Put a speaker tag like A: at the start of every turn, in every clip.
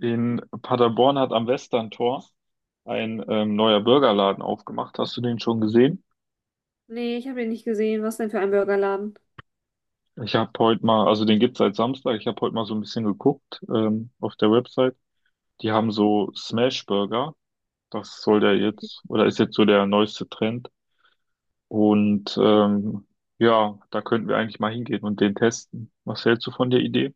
A: In Paderborn hat am Westerntor ein neuer Burgerladen aufgemacht. Hast du den schon gesehen?
B: Nee, ich habe den nicht gesehen. Was denn für ein Burgerladen?
A: Ich habe heute mal, also den gibt's seit Samstag. Ich habe heute mal so ein bisschen geguckt auf der Website. Die haben so Smash Burger. Das soll der jetzt, oder ist jetzt so der neueste Trend. Und ja, da könnten wir eigentlich mal hingehen und den testen. Was hältst du von der Idee?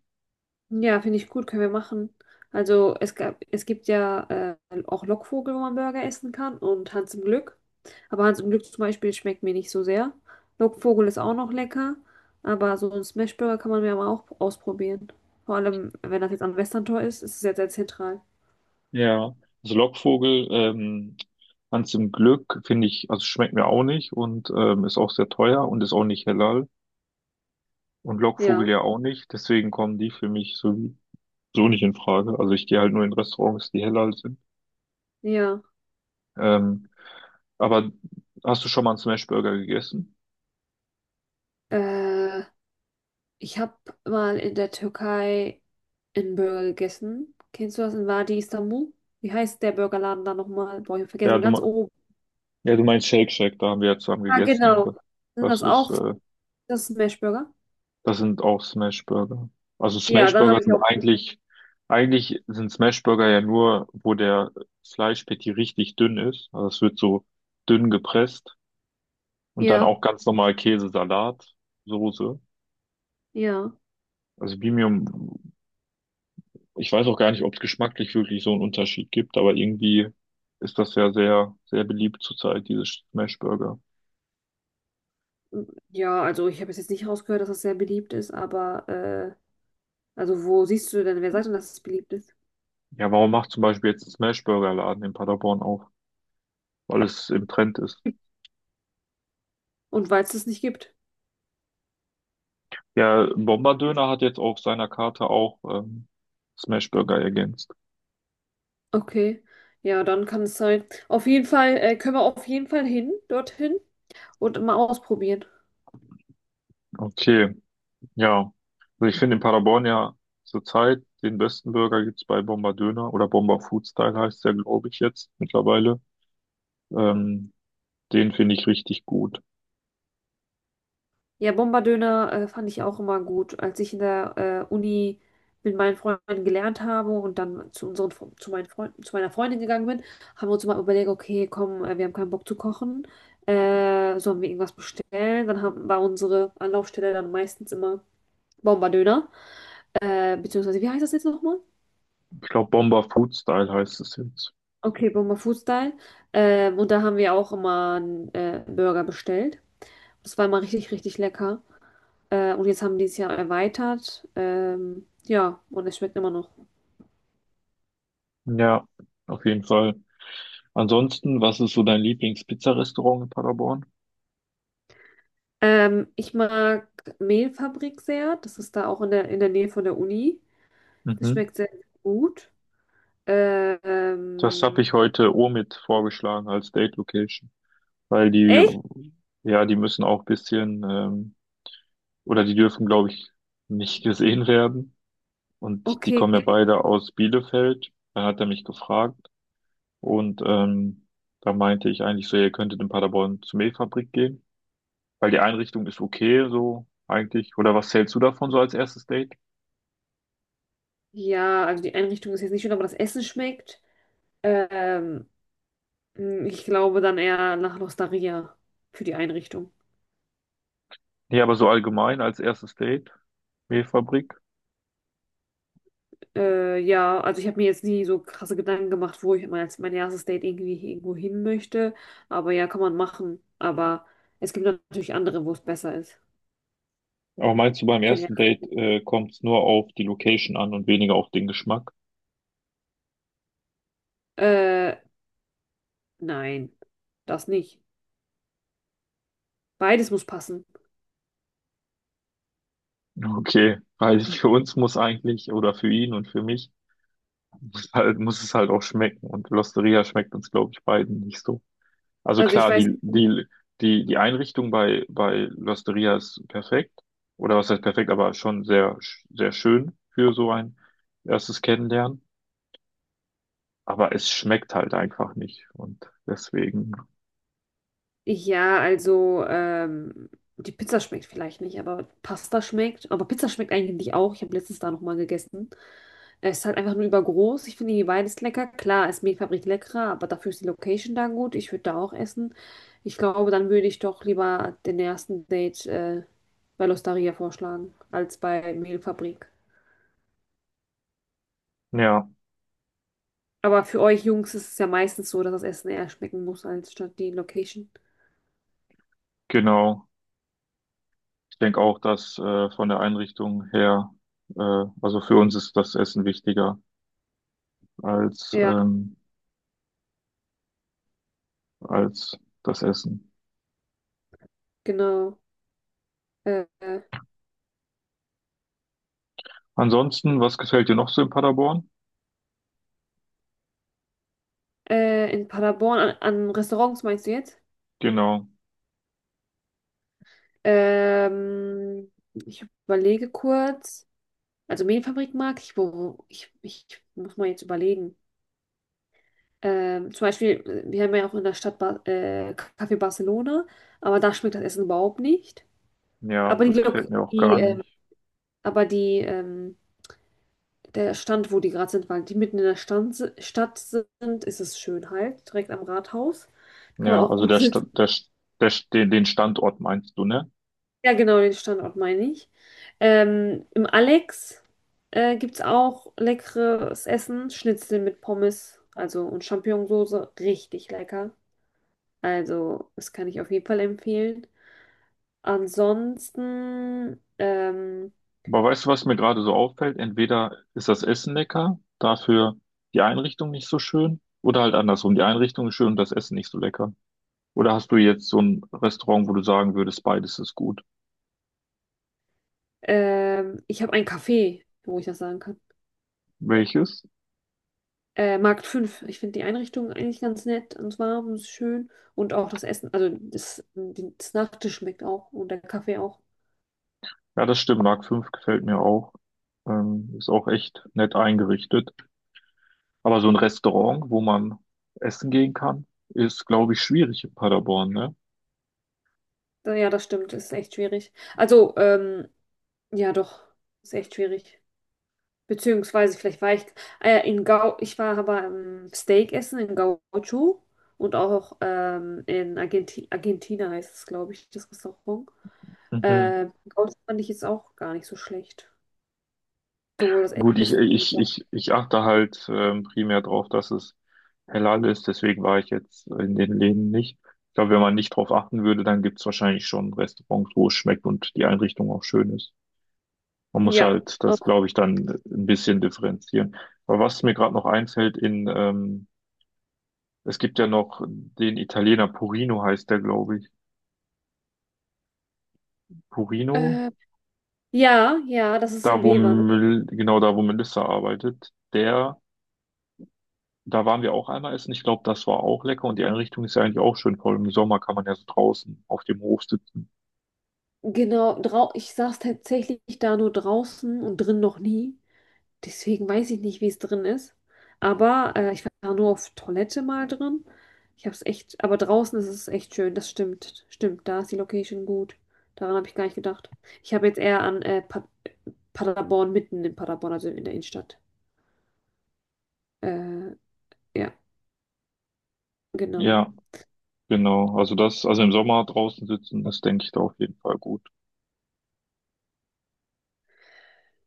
B: Ja, finde ich gut, können wir machen. Also es gab, es gibt ja auch Lockvogel, wo man Burger essen kann und Hans im Glück. Aber Hans im Glück zum Beispiel schmeckt mir nicht so sehr. Lockvogel ist auch noch lecker, aber so ein Smashburger kann man ja mal auch ausprobieren. Vor allem, wenn das jetzt am Westerntor ist, ist es ja sehr zentral.
A: Ja, also Lockvogel, ganz im Glück finde ich, also schmeckt mir auch nicht und ist auch sehr teuer und ist auch nicht halal. Und Lockvogel
B: Ja,
A: ja auch nicht, deswegen kommen die für mich so, so nicht in Frage. Also ich gehe halt nur in Restaurants, die heller sind.
B: ja.
A: Ähm, aber hast du schon mal einen Smashburger gegessen?
B: Äh, Ich habe mal in der Türkei einen Burger gegessen. Kennst du das in Wadi Istanbul? Wie heißt der Burgerladen da nochmal? Boah, ich hab
A: Ja,
B: vergessen,
A: du,
B: ganz
A: me-
B: oben.
A: ja, du meinst Shake Shack, da haben wir ja zusammen
B: Ah,
A: gegessen.
B: genau. Sind
A: Das
B: das
A: ist,
B: auch das Smashburger?
A: das sind auch Smashburger. Also
B: Ja, dann
A: Smashburger
B: habe ich
A: sind
B: auch.
A: eigentlich, eigentlich sind Smashburger ja nur, wo der Fleischpatty richtig dünn ist. Also es wird so dünn gepresst und dann
B: Ja,
A: auch ganz normal Käse, Salat, Soße.
B: ja.
A: Also Bimium. Ich weiß auch gar nicht, ob es geschmacklich wirklich so einen Unterschied gibt, aber irgendwie ist das ja sehr, sehr beliebt zurzeit, diese Smashburger.
B: Ja, also ich habe es jetzt nicht rausgehört, dass das sehr beliebt ist, aber also wo siehst du denn, wer sagt denn, dass es beliebt ist?
A: Ja, warum macht zum Beispiel jetzt ein Smashburger-Laden in Paderborn auf? Weil es im Trend ist.
B: Und weil es das nicht gibt.
A: Ja, Bomberdöner hat jetzt auf seiner Karte auch Smashburger ergänzt.
B: Okay. Ja, dann kann es sein. Auf jeden Fall, können wir auf jeden Fall hin, dorthin und mal ausprobieren.
A: Okay, ja. Also ich finde in Paderborn ja zurzeit den besten Burger gibt's bei Bomberdöner oder Bomber Food Style heißt der, glaube ich, jetzt mittlerweile. Ähm, den finde ich richtig gut.
B: Ja, Bombardöner fand ich auch immer gut. Als ich in der Uni mit meinen Freunden gelernt habe und dann zu meinen Freunden, zu meiner Freundin gegangen bin, haben wir uns immer überlegt, okay, komm, wir haben keinen Bock zu kochen, sollen wir irgendwas bestellen? Dann war unsere Anlaufstelle dann meistens immer Bombardöner, beziehungsweise, wie heißt das jetzt nochmal?
A: Ich glaube, Bomber Food-Style heißt es jetzt.
B: Okay, Bomber Food Style. Und da haben wir auch immer einen Burger bestellt. Das war immer richtig, richtig lecker. Und jetzt haben die es ja erweitert. Ja, und es schmeckt immer noch.
A: Ja, auf jeden Fall. Ansonsten, was ist so dein Lieblings-Pizza-Restaurant in Paderborn?
B: Ich mag Mehlfabrik sehr. Das ist da auch in der Nähe von der Uni. Das
A: Mhm.
B: schmeckt sehr gut. Äh,
A: Das habe ich
B: Ähm,
A: heute Omid vorgeschlagen als Date Location, weil die,
B: Echt?
A: ja, die müssen auch ein bisschen, oder die dürfen, glaube ich, nicht gesehen werden. Und die
B: Okay.
A: kommen ja beide aus Bielefeld. Dann hat er mich gefragt und da meinte ich eigentlich so, ihr könntet in Paderborn zur Mehlfabrik gehen. Weil die Einrichtung ist okay, so eigentlich. Oder was zählst du davon so als erstes Date?
B: Ja, also die Einrichtung ist jetzt nicht schön, aber das Essen schmeckt. Ähm, Ich glaube dann eher nach L'Osteria für die Einrichtung.
A: Nee, aber so allgemein als erstes Date, Mehlfabrik.
B: Ja, also ich habe mir jetzt nie so krasse Gedanken gemacht, als mein erstes Date irgendwie irgendwo hin möchte. Aber ja, kann man machen. Aber es gibt natürlich andere, wo es besser ist.
A: Aber meinst du, beim
B: Für den
A: ersten Date, kommt es nur auf die Location an und weniger auf den Geschmack?
B: Äh, nein, das nicht. Beides muss passen.
A: Okay, weil für uns muss eigentlich, oder für ihn und für mich, muss halt, muss es halt auch schmecken. Und L'Osteria schmeckt uns, glaube ich, beiden nicht so. Also
B: Also ich
A: klar,
B: weiß,
A: die, die, die Einrichtung bei, bei L'Osteria ist perfekt. Oder was heißt perfekt, aber schon sehr, sehr schön für so ein erstes Kennenlernen. Aber es schmeckt halt einfach nicht. Und deswegen,
B: ja, also die Pizza schmeckt vielleicht nicht, aber Pasta schmeckt. Aber Pizza schmeckt eigentlich auch. Ich habe letztens da nochmal gegessen. Es ist halt einfach nur übergroß. Ich finde die beides lecker. Klar, ist Mehlfabrik leckerer, aber dafür ist die Location da gut. Ich würde da auch essen. Ich glaube, dann würde ich doch lieber den ersten Date bei L'Osteria vorschlagen, als bei Mehlfabrik.
A: ja,
B: Aber für euch Jungs ist es ja meistens so, dass das Essen eher schmecken muss, als statt die Location.
A: genau. Ich denke auch, dass von der Einrichtung her, also für uns ist das Essen wichtiger als,
B: Ja,
A: als das Essen.
B: genau. Äh, äh,
A: Ansonsten, was gefällt dir noch so in Paderborn?
B: in Paderborn, an Restaurants meinst du jetzt?
A: Genau.
B: Ähm, Ich überlege kurz. Also Mehlfabrik mag ich, ich muss mal jetzt überlegen. Zum Beispiel, wir haben ja auch in der Stadt ba Café Barcelona, aber da schmeckt das Essen überhaupt nicht.
A: Ja,
B: Aber die,
A: das
B: Lok
A: gefällt mir auch
B: die,
A: gar nicht.
B: aber die Der Stand, wo die gerade sind, weil die mitten in der Stadt sind, ist es schön halt, direkt am Rathaus. Da kann man
A: Ja,
B: auch
A: also
B: gut
A: der,
B: sitzen.
A: den Standort meinst du, ne?
B: Ja, genau, den Standort meine ich. Im Alex gibt es auch leckeres Essen, Schnitzel mit Pommes, also und Champignonsauce, richtig lecker. Also, das kann ich auf jeden Fall empfehlen. Ansonsten,
A: Aber weißt du, was mir gerade so auffällt? Entweder ist das Essen lecker, dafür die Einrichtung nicht so schön, oder halt andersrum, die Einrichtung ist schön und das Essen nicht so lecker. Oder hast du jetzt so ein Restaurant, wo du sagen würdest, beides ist gut?
B: ich habe ein Café, wo ich das sagen kann.
A: Welches?
B: Markt fünf. Ich finde die Einrichtung eigentlich ganz nett und warm und schön. Und auch das Essen, also das Nachtisch schmeckt auch und der Kaffee auch.
A: Ja, das stimmt, Mark fünf gefällt mir auch. Ist auch echt nett eingerichtet. Aber so ein Restaurant, wo man essen gehen kann, ist, glaube ich, schwierig in Paderborn, ne?
B: Ja, das stimmt, ist echt schwierig. Also, ja, doch, ist echt schwierig. Beziehungsweise, vielleicht war ich, ah ja, ich war aber Steak essen in Gaucho und auch in Argentina heißt es, glaube ich, das Restaurant.
A: Mhm.
B: Gaucho fand ich jetzt auch gar nicht so schlecht. Sowohl das
A: Gut, ich,
B: Essen als
A: ich,
B: auch.
A: ich, ich achte halt primär drauf, dass es halal ist, deswegen war ich jetzt in den Läden nicht. Ich glaube, wenn man nicht drauf achten würde, dann gibt's wahrscheinlich schon Restaurants, wo es schmeckt und die Einrichtung auch schön ist. Man muss
B: Ja,
A: halt
B: auch.
A: das, glaube ich, dann ein bisschen differenzieren. Aber was mir gerade noch einfällt, in, es gibt ja noch den Italiener Purino heißt der, glaube ich. Purino,
B: Äh, ja, ja, das ist
A: da
B: in
A: wo,
B: Weber, ne?
A: Genau da, wo Melissa arbeitet, der. Da waren wir auch einmal essen. Ich glaube, das war auch lecker und die Einrichtung ist ja eigentlich auch schön, voll. Im Sommer kann man ja so draußen auf dem Hof sitzen.
B: Genau, drau ich saß tatsächlich da nur draußen und drin noch nie. Deswegen weiß ich nicht, wie es drin ist. Aber ich war nur auf Toilette mal drin. Ich habe es echt, aber draußen ist es echt schön. Das stimmt. Stimmt, da ist die Location gut. Daran habe ich gar nicht gedacht. Ich habe jetzt eher an pa Paderborn, mitten in Paderborn, also in der Innenstadt. Äh, ja, genau.
A: Ja, genau. Also das, also im Sommer draußen sitzen, das denke ich da auf jeden Fall gut.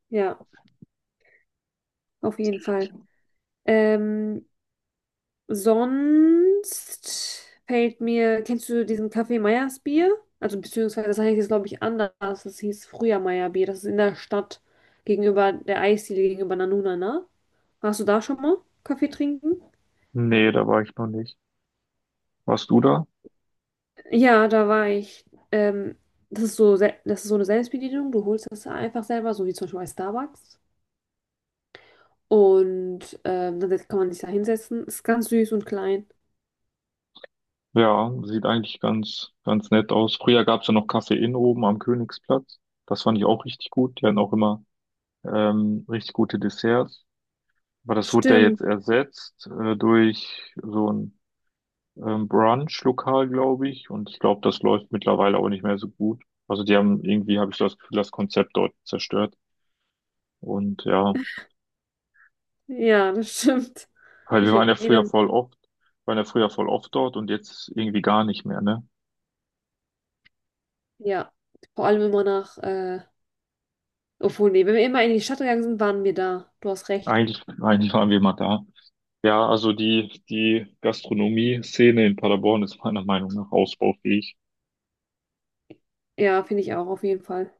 B: Ja, auf jeden Fall. Ähm, Sonst fällt mir, kennst du diesen Kaffee Meyers Bier? Also beziehungsweise das heißt jetzt, glaube ich, anders. Das hieß früher Meyer Bier. Das ist in der Stadt gegenüber der Eisdiele gegenüber Nanunana. Warst du da schon mal Kaffee trinken?
A: Nee, da war ich noch nicht. Warst du da?
B: Ja, da war ich. Ähm, Das ist so, das ist so eine Selbstbedienung. Du holst das einfach selber, so wie zum Beispiel bei Starbucks. Und dann kann man sich da hinsetzen. Ist ganz süß und klein.
A: Ja, sieht eigentlich ganz, ganz nett aus. Früher gab's ja noch Café Inn oben am Königsplatz. Das fand ich auch richtig gut. Die hatten auch immer richtig gute Desserts. Aber das wurde ja jetzt
B: Stimmt.
A: ersetzt durch so ein Brunch-Lokal, glaube ich. Und ich glaube, das läuft mittlerweile auch nicht mehr so gut. Also die haben irgendwie, habe ich das Gefühl, das Konzept dort zerstört. Und ja,
B: Ja, das stimmt.
A: halt, wir
B: Ich
A: waren ja früher
B: erinnere
A: voll oft, waren ja früher voll oft dort und jetzt irgendwie gar nicht mehr, ne?
B: Ja, vor allem immer nee, wenn wir immer in die Stadt gegangen sind, waren wir da. Du hast recht.
A: Eigentlich, eigentlich waren wir mal da. Ja, also die Gastronomie-Szene in Paderborn ist meiner Meinung nach ausbaufähig.
B: Ja, finde ich auch, auf jeden Fall.